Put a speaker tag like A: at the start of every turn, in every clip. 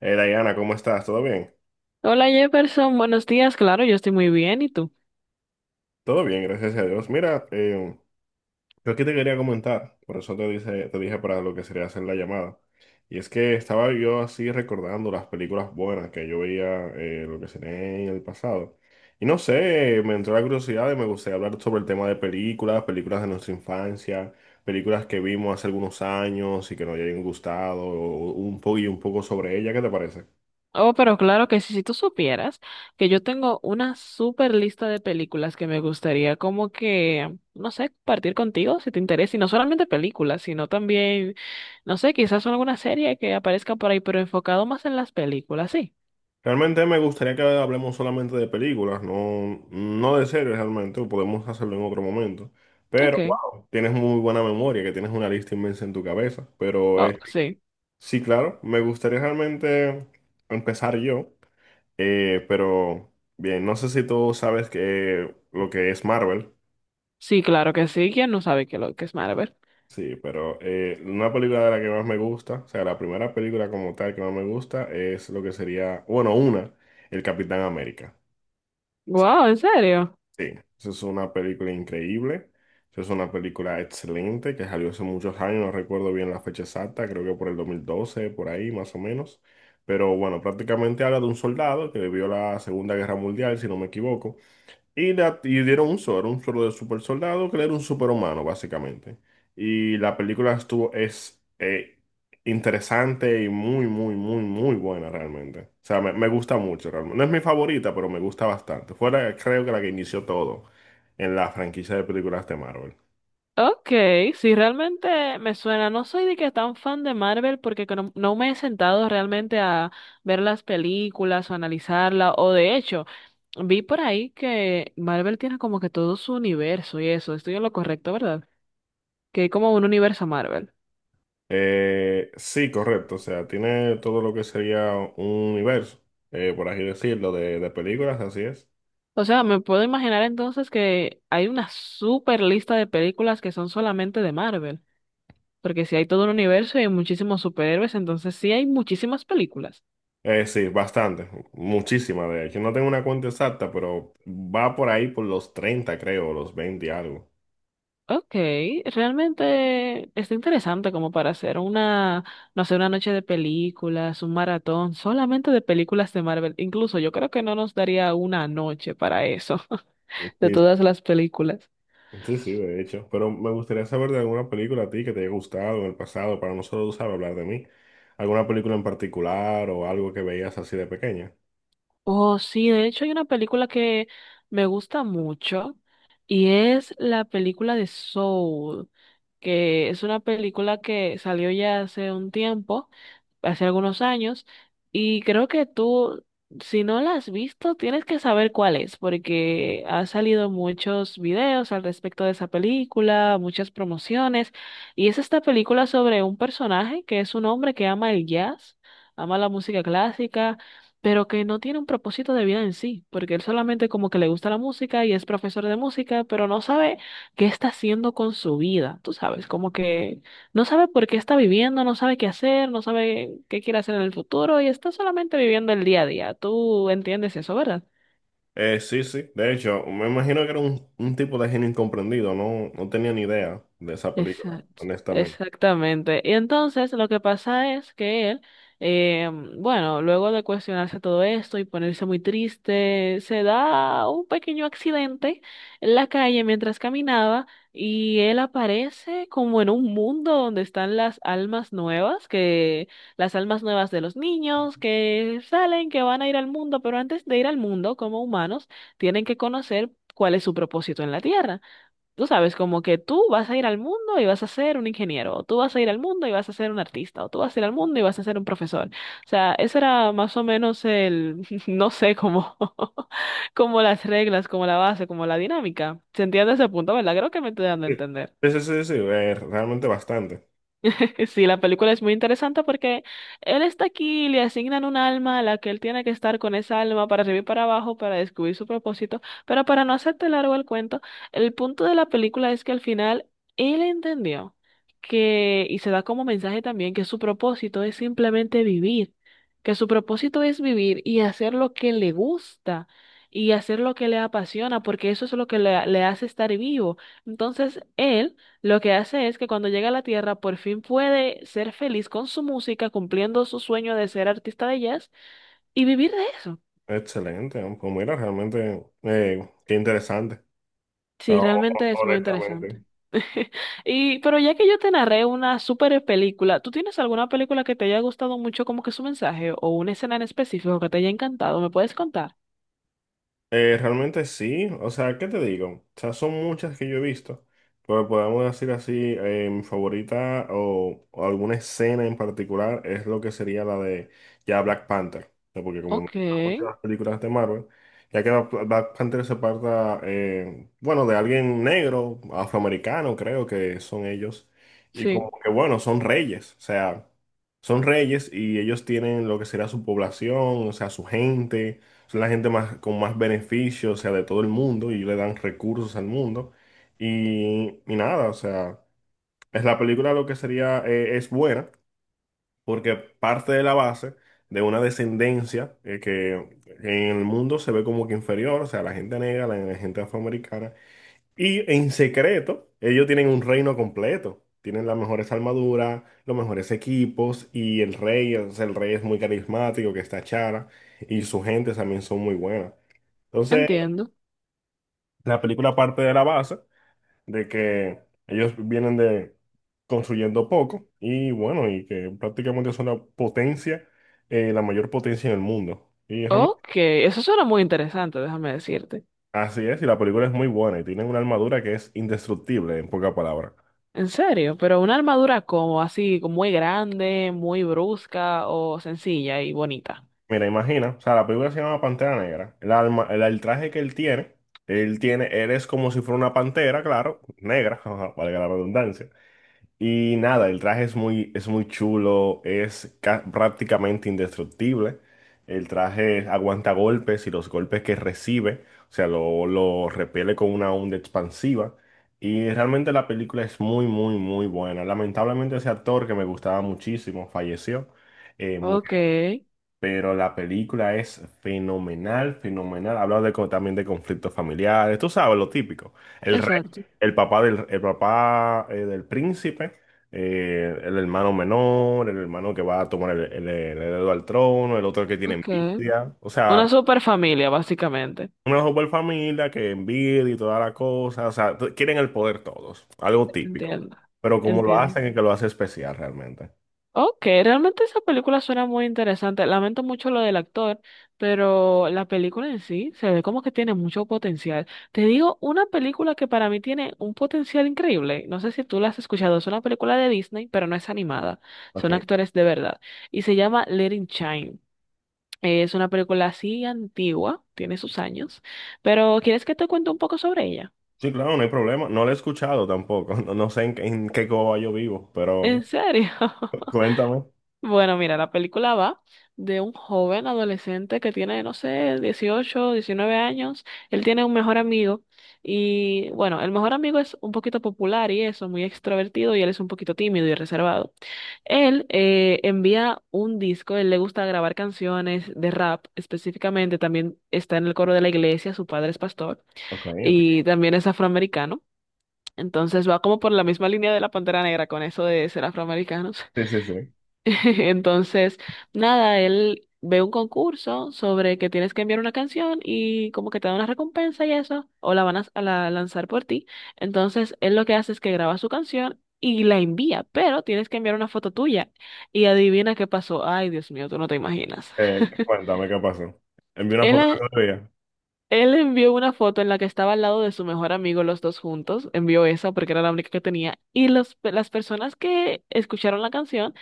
A: Diana, ¿cómo estás? ¿Todo bien?
B: Hola Jefferson, buenos días. Claro, yo estoy muy bien. ¿Y tú?
A: Todo bien, gracias a Dios. Mira, yo aquí te quería comentar, por eso te dije para lo que sería hacer la llamada. Y es que estaba yo así recordando las películas buenas que yo veía, lo que sería en el pasado. Y no sé, me entró la curiosidad y me gustaría hablar sobre el tema de películas, películas de nuestra infancia, películas que vimos hace algunos años y que nos hayan gustado, o un poco sobre ella, ¿qué te parece?
B: Oh, pero claro que sí, si tú supieras que yo tengo una super lista de películas que me gustaría como que, no sé, compartir contigo si te interesa. Y no solamente películas, sino también, no sé, quizás alguna serie que aparezca por ahí, pero enfocado más en las películas. Sí,
A: Realmente me gustaría que hablemos solamente de películas, no, no de series realmente, podemos hacerlo en otro momento. Pero,
B: ok.
A: wow, tienes muy buena memoria, que tienes una lista inmensa en tu cabeza. Pero
B: Oh, sí.
A: sí, claro, me gustaría realmente empezar yo. Pero bien, no sé si tú sabes que, lo que es Marvel.
B: Sí, claro que sí. ¿Quién no sabe que lo que es Marvel?
A: Sí, pero una película de la que más me gusta, o sea, la primera película como tal que más me gusta es lo que sería, bueno, una, El Capitán América.
B: Wow, ¿en serio?
A: Sí, esa es una película increíble. Esa es una película excelente que salió hace muchos años, no recuerdo bien la fecha exacta, creo que por el 2012, por ahí más o menos. Pero bueno, prácticamente habla de un soldado que vivió la Segunda Guerra Mundial, si no me equivoco. Y, y dieron un solo, era un solo de super soldado, que era un superhumano, básicamente. Y es interesante y muy, muy, muy, muy buena realmente. O sea, me gusta mucho realmente. No es mi favorita, pero me gusta bastante. Creo que la que inició todo en la franquicia de películas de Marvel.
B: Ok, sí, realmente me suena. No soy de que tan fan de Marvel porque que no, no me he sentado realmente a ver las películas o analizarla. O de hecho, vi por ahí que Marvel tiene como que todo su universo y eso. Estoy en lo correcto, ¿verdad? Que hay como un universo Marvel.
A: Sí, correcto. O sea, tiene todo lo que sería un universo, por así decirlo, de películas, así es.
B: O sea, me puedo imaginar entonces que hay una super lista de películas que son solamente de Marvel. Porque si hay todo un universo y hay muchísimos superhéroes, entonces sí hay muchísimas películas.
A: Sí, bastante, muchísima de hecho. No tengo una cuenta exacta, pero va por ahí por los 30, creo, los 20, y algo.
B: Ok, realmente está interesante como para hacer una, no sé, una noche de películas, un maratón, solamente de películas de Marvel. Incluso yo creo que no nos daría una noche para eso, de
A: Sí,
B: todas las películas.
A: sí, sí, de hecho. Pero me gustaría saber de alguna película a ti que te haya gustado en el pasado, para no solo usar hablar de mí. ¿Alguna película en particular o algo que veías así de pequeña?
B: Oh, sí, de hecho hay una película que me gusta mucho y es la película de Soul, que es una película que salió ya hace un tiempo, hace algunos años, y creo que tú, si no la has visto, tienes que saber cuál es, porque ha salido muchos videos al respecto de esa película, muchas promociones, y es esta película sobre un personaje que es un hombre que ama el jazz, ama la música clásica pero que no tiene un propósito de vida en sí, porque él solamente como que le gusta la música y es profesor de música, pero no sabe qué está haciendo con su vida, tú sabes, como que no sabe por qué está viviendo, no sabe qué hacer, no sabe qué quiere hacer en el futuro y está solamente viviendo el día a día. Tú entiendes eso, ¿verdad?
A: Sí, sí, de hecho, me imagino que era un tipo de genio incomprendido, no, no tenía ni idea de esa película,
B: Exacto,
A: honestamente.
B: exactamente. Y entonces lo que pasa es que él, eh, bueno, luego de cuestionarse todo esto y ponerse muy triste, se da un pequeño accidente en la calle mientras caminaba y él aparece como en un mundo donde están las almas nuevas, que las almas nuevas de los niños que salen, que van a ir al mundo, pero antes de ir al mundo como humanos, tienen que conocer cuál es su propósito en la tierra. Tú sabes, como que tú vas a ir al mundo y vas a ser un ingeniero, o tú vas a ir al mundo y vas a ser un artista, o tú vas a ir al mundo y vas a ser un profesor. O sea, eso era más o menos el, no sé, como, como las reglas, como la base, como la dinámica. ¿Se entiende ese punto, verdad? Creo que me estoy dando a
A: Sí,
B: entender.
A: sí, sí, sí, sí, realmente bastante.
B: Sí, la película es muy interesante porque él está aquí, le asignan un alma a la que él tiene que estar con esa alma para arriba y para abajo para descubrir su propósito. Pero para no hacerte largo el cuento, el punto de la película es que al final él entendió que, y se da como mensaje también, que su propósito es simplemente vivir, que su propósito es vivir y hacer lo que le gusta. Y hacer lo que le apasiona, porque eso es lo que le hace estar vivo. Entonces, él lo que hace es que cuando llega a la Tierra por fin puede ser feliz con su música, cumpliendo su sueño de ser artista de jazz y vivir de eso.
A: Excelente, ¿no? Pues mira, realmente, qué interesante,
B: Sí, realmente es muy interesante.
A: honestamente.
B: Y, pero ya que yo te narré una super película, ¿tú tienes alguna película que te haya gustado mucho como que su mensaje o una escena en específico que te haya encantado? ¿Me puedes contar?
A: Realmente sí, o sea, ¿qué te digo? O sea, son muchas que yo he visto, pero podemos decir así, mi favorita o alguna escena en particular es lo que sería la de ya Black Panther, ¿no? Porque como me
B: Ok,
A: gustan mucho las películas de Marvel, Black Panther se parta, bueno, de alguien negro, afroamericano creo que son ellos, y como
B: sí,
A: que bueno, son reyes, o sea, son reyes y ellos tienen lo que sería su población, o sea, su gente son la gente más, con más beneficios, o sea, de todo el mundo y le dan recursos al mundo. Y nada, o sea, es la película lo que sería, es buena porque parte de la base de una descendencia que en el mundo se ve como que inferior, o sea, la gente negra, la gente afroamericana. Y en secreto, ellos tienen un reino completo. Tienen las mejores armaduras, los mejores equipos y el rey, o sea, el rey es muy carismático, que está Chara, y su gente también son muy buenas. Entonces,
B: entiendo.
A: la película parte de la base de que ellos vienen de construyendo poco y bueno, y que prácticamente son la potencia, la mayor potencia en el mundo. Y realmente
B: Ok, eso suena muy interesante, déjame decirte.
A: así es, y la película es muy buena y tienen una armadura que es indestructible, en pocas palabras.
B: En serio, pero una armadura como así, como muy grande, muy brusca o sencilla y bonita.
A: Mira, imagina, o sea, la película se llama Pantera Negra. El alma, el traje que él tiene, él tiene, él es como si fuera una pantera, claro, negra, ajá, valga la redundancia. Y nada, el traje es muy chulo, prácticamente indestructible. El traje aguanta golpes y los golpes que recibe, o sea, lo repele con una onda expansiva. Y realmente la película es muy, muy, muy buena. Lamentablemente ese actor que me gustaba muchísimo falleció. Murió,
B: Ok,
A: pero la película es fenomenal, fenomenal. Habla de, también de conflictos familiares, tú sabes, lo típico. El rey,
B: exacto.
A: el papá, del príncipe, el hermano menor, el hermano que va a tomar el heredero al trono, el otro que tiene
B: Ok.
A: envidia. O
B: Una
A: sea,
B: super familia, básicamente.
A: una super familia que envidia y toda la cosa. O sea, quieren el poder todos, algo típico.
B: Entiendo,
A: Pero como lo
B: entiendo.
A: hacen, es que lo hace especial realmente.
B: Ok, realmente esa película suena muy interesante. Lamento mucho lo del actor, pero la película en sí se ve como que tiene mucho potencial. Te digo, una película que para mí tiene un potencial increíble. No sé si tú la has escuchado, es una película de Disney, pero no es animada. Son
A: Ok.
B: actores de verdad. Y se llama Let It Shine. Es una película así antigua, tiene sus años, pero ¿quieres que te cuente un poco sobre ella?
A: Sí, claro, no hay problema. No lo he escuchado tampoco. No, no sé en qué Coba yo vivo, pero
B: ¿En serio?
A: cuéntame.
B: Bueno, mira, la película va de un joven adolescente que tiene, no sé, 18, 19 años. Él tiene un mejor amigo y, bueno, el mejor amigo es un poquito popular y eso, muy extrovertido y él es un poquito tímido y reservado. Él envía un disco, él le gusta grabar canciones de rap específicamente, también está en el coro de la iglesia, su padre es pastor
A: Ok, ok.
B: y también es afroamericano. Entonces va como por la misma línea de la Pantera Negra con eso de ser afroamericanos.
A: Sí, sí, sí.
B: Entonces, nada, él ve un concurso sobre que tienes que enviar una canción y como que te da una recompensa y eso, o la van a, lanzar por ti. Entonces, él lo que hace es que graba su canción y la envía, pero tienes que enviar una foto tuya. Y adivina qué pasó. Ay, Dios mío, tú no te imaginas.
A: Cuéntame qué pasó. Envié una
B: Él,
A: foto de
B: eh,
A: otro día.
B: él envió una foto en la que estaba al lado de su mejor amigo, los dos juntos. Envió esa porque era la única que tenía. Y los, las personas que escucharon la canción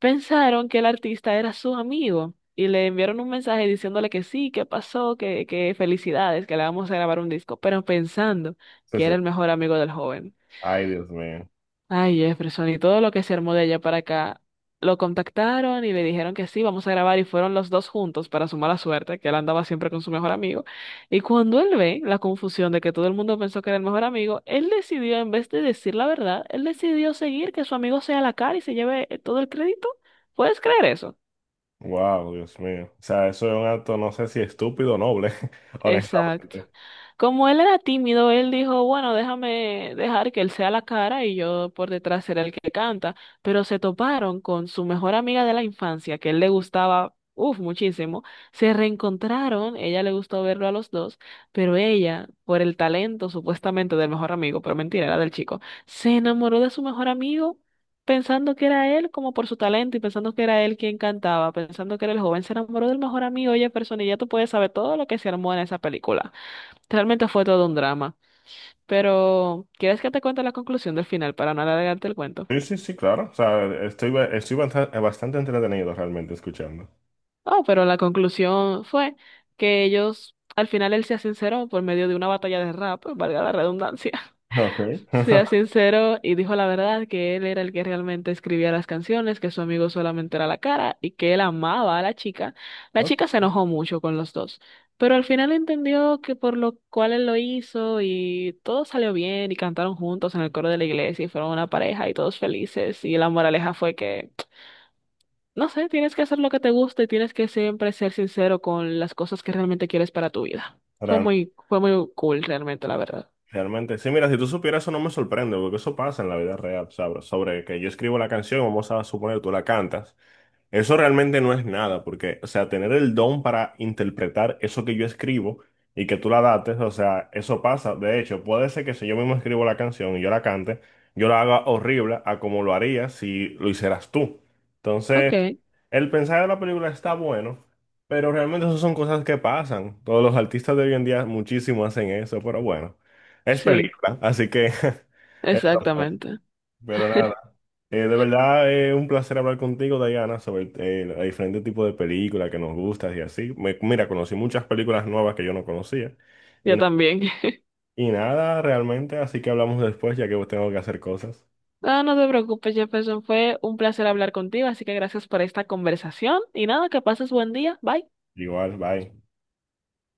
B: pensaron que el artista era su amigo y le enviaron un mensaje diciéndole que sí, que pasó, que felicidades, que le vamos a grabar un disco, pero pensando
A: Sí,
B: que
A: sí.
B: era el mejor amigo del joven.
A: Ay, Dios mío.
B: Ay, Jefferson, y todo lo que se armó de allá para acá. Lo contactaron y le dijeron que sí, vamos a grabar y fueron los dos juntos para su mala suerte, que él andaba siempre con su mejor amigo. Y cuando él ve la confusión de que todo el mundo pensó que era el mejor amigo, él decidió, en vez de decir la verdad, él decidió seguir que su amigo sea la cara y se lleve todo el crédito. ¿Puedes creer eso?
A: Wow, Dios mío. O sea, eso es un acto, no sé si estúpido o noble,
B: Exacto.
A: honestamente.
B: Como él era tímido, él dijo, bueno, déjame dejar que él sea la cara y yo por detrás seré el que canta. Pero se toparon con su mejor amiga de la infancia, que él le gustaba, uff, muchísimo. Se reencontraron, ella le gustó verlo a los dos, pero ella, por el talento supuestamente del mejor amigo, pero mentira, era del chico, se enamoró de su mejor amigo pensando que era él como por su talento y pensando que era él quien cantaba, pensando que era el joven, se enamoró del mejor amigo, oye, persona, y ya tú puedes saber todo lo que se armó en esa película. Realmente fue todo un drama. Pero, ¿quieres que te cuente la conclusión del final para no alargarte el cuento?
A: Sí, sí, sí, claro. O sea, estoy, ba- estoy basta- bastante entretenido realmente escuchando.
B: Oh, pero la conclusión fue que ellos, al final él se sinceró por medio de una batalla de rap, valga la redundancia.
A: Ok.
B: Sea sincero y dijo la verdad que él era el que realmente escribía las canciones, que su amigo solamente era la cara y que él amaba a la chica. La chica
A: Ok.
B: se enojó mucho con los dos, pero al final entendió que por lo cual él lo hizo y todo salió bien y cantaron juntos en el coro de la iglesia y fueron una pareja y todos felices y la moraleja fue que, no sé, tienes que hacer lo que te gusta y tienes que siempre ser sincero con las cosas que realmente quieres para tu vida.
A: Realmente
B: Fue muy cool realmente, la verdad.
A: Realmente, sí, mira, si tú supieras eso no me sorprende, porque eso pasa en la vida real, ¿sabes? Sobre que yo escribo la canción, vamos a suponer tú la cantas. Eso realmente no es nada, porque, o sea, tener el don para interpretar eso que yo escribo y que tú la dates, o sea, eso pasa. De hecho, puede ser que si yo mismo escribo la canción y yo la cante, yo la haga horrible a como lo haría si lo hicieras tú.
B: Ok,
A: Entonces, el mensaje de la película está bueno, pero realmente eso son cosas que pasan. Todos los artistas de hoy en día muchísimo hacen eso, pero bueno, es
B: sí,
A: película, así que eso fue.
B: exactamente.
A: Pero nada, de verdad es un placer hablar contigo, Diana, sobre los diferentes tipos de películas que nos gustan y así. Mira, conocí muchas películas nuevas que yo no conocía y,
B: Yo
A: na-
B: también.
A: y nada realmente, así que hablamos después ya que tengo que hacer cosas.
B: No, no te preocupes, Jefferson. Fue un placer hablar contigo, así que gracias por esta conversación. Y nada, que pases buen día. Bye.
A: Igual, bye.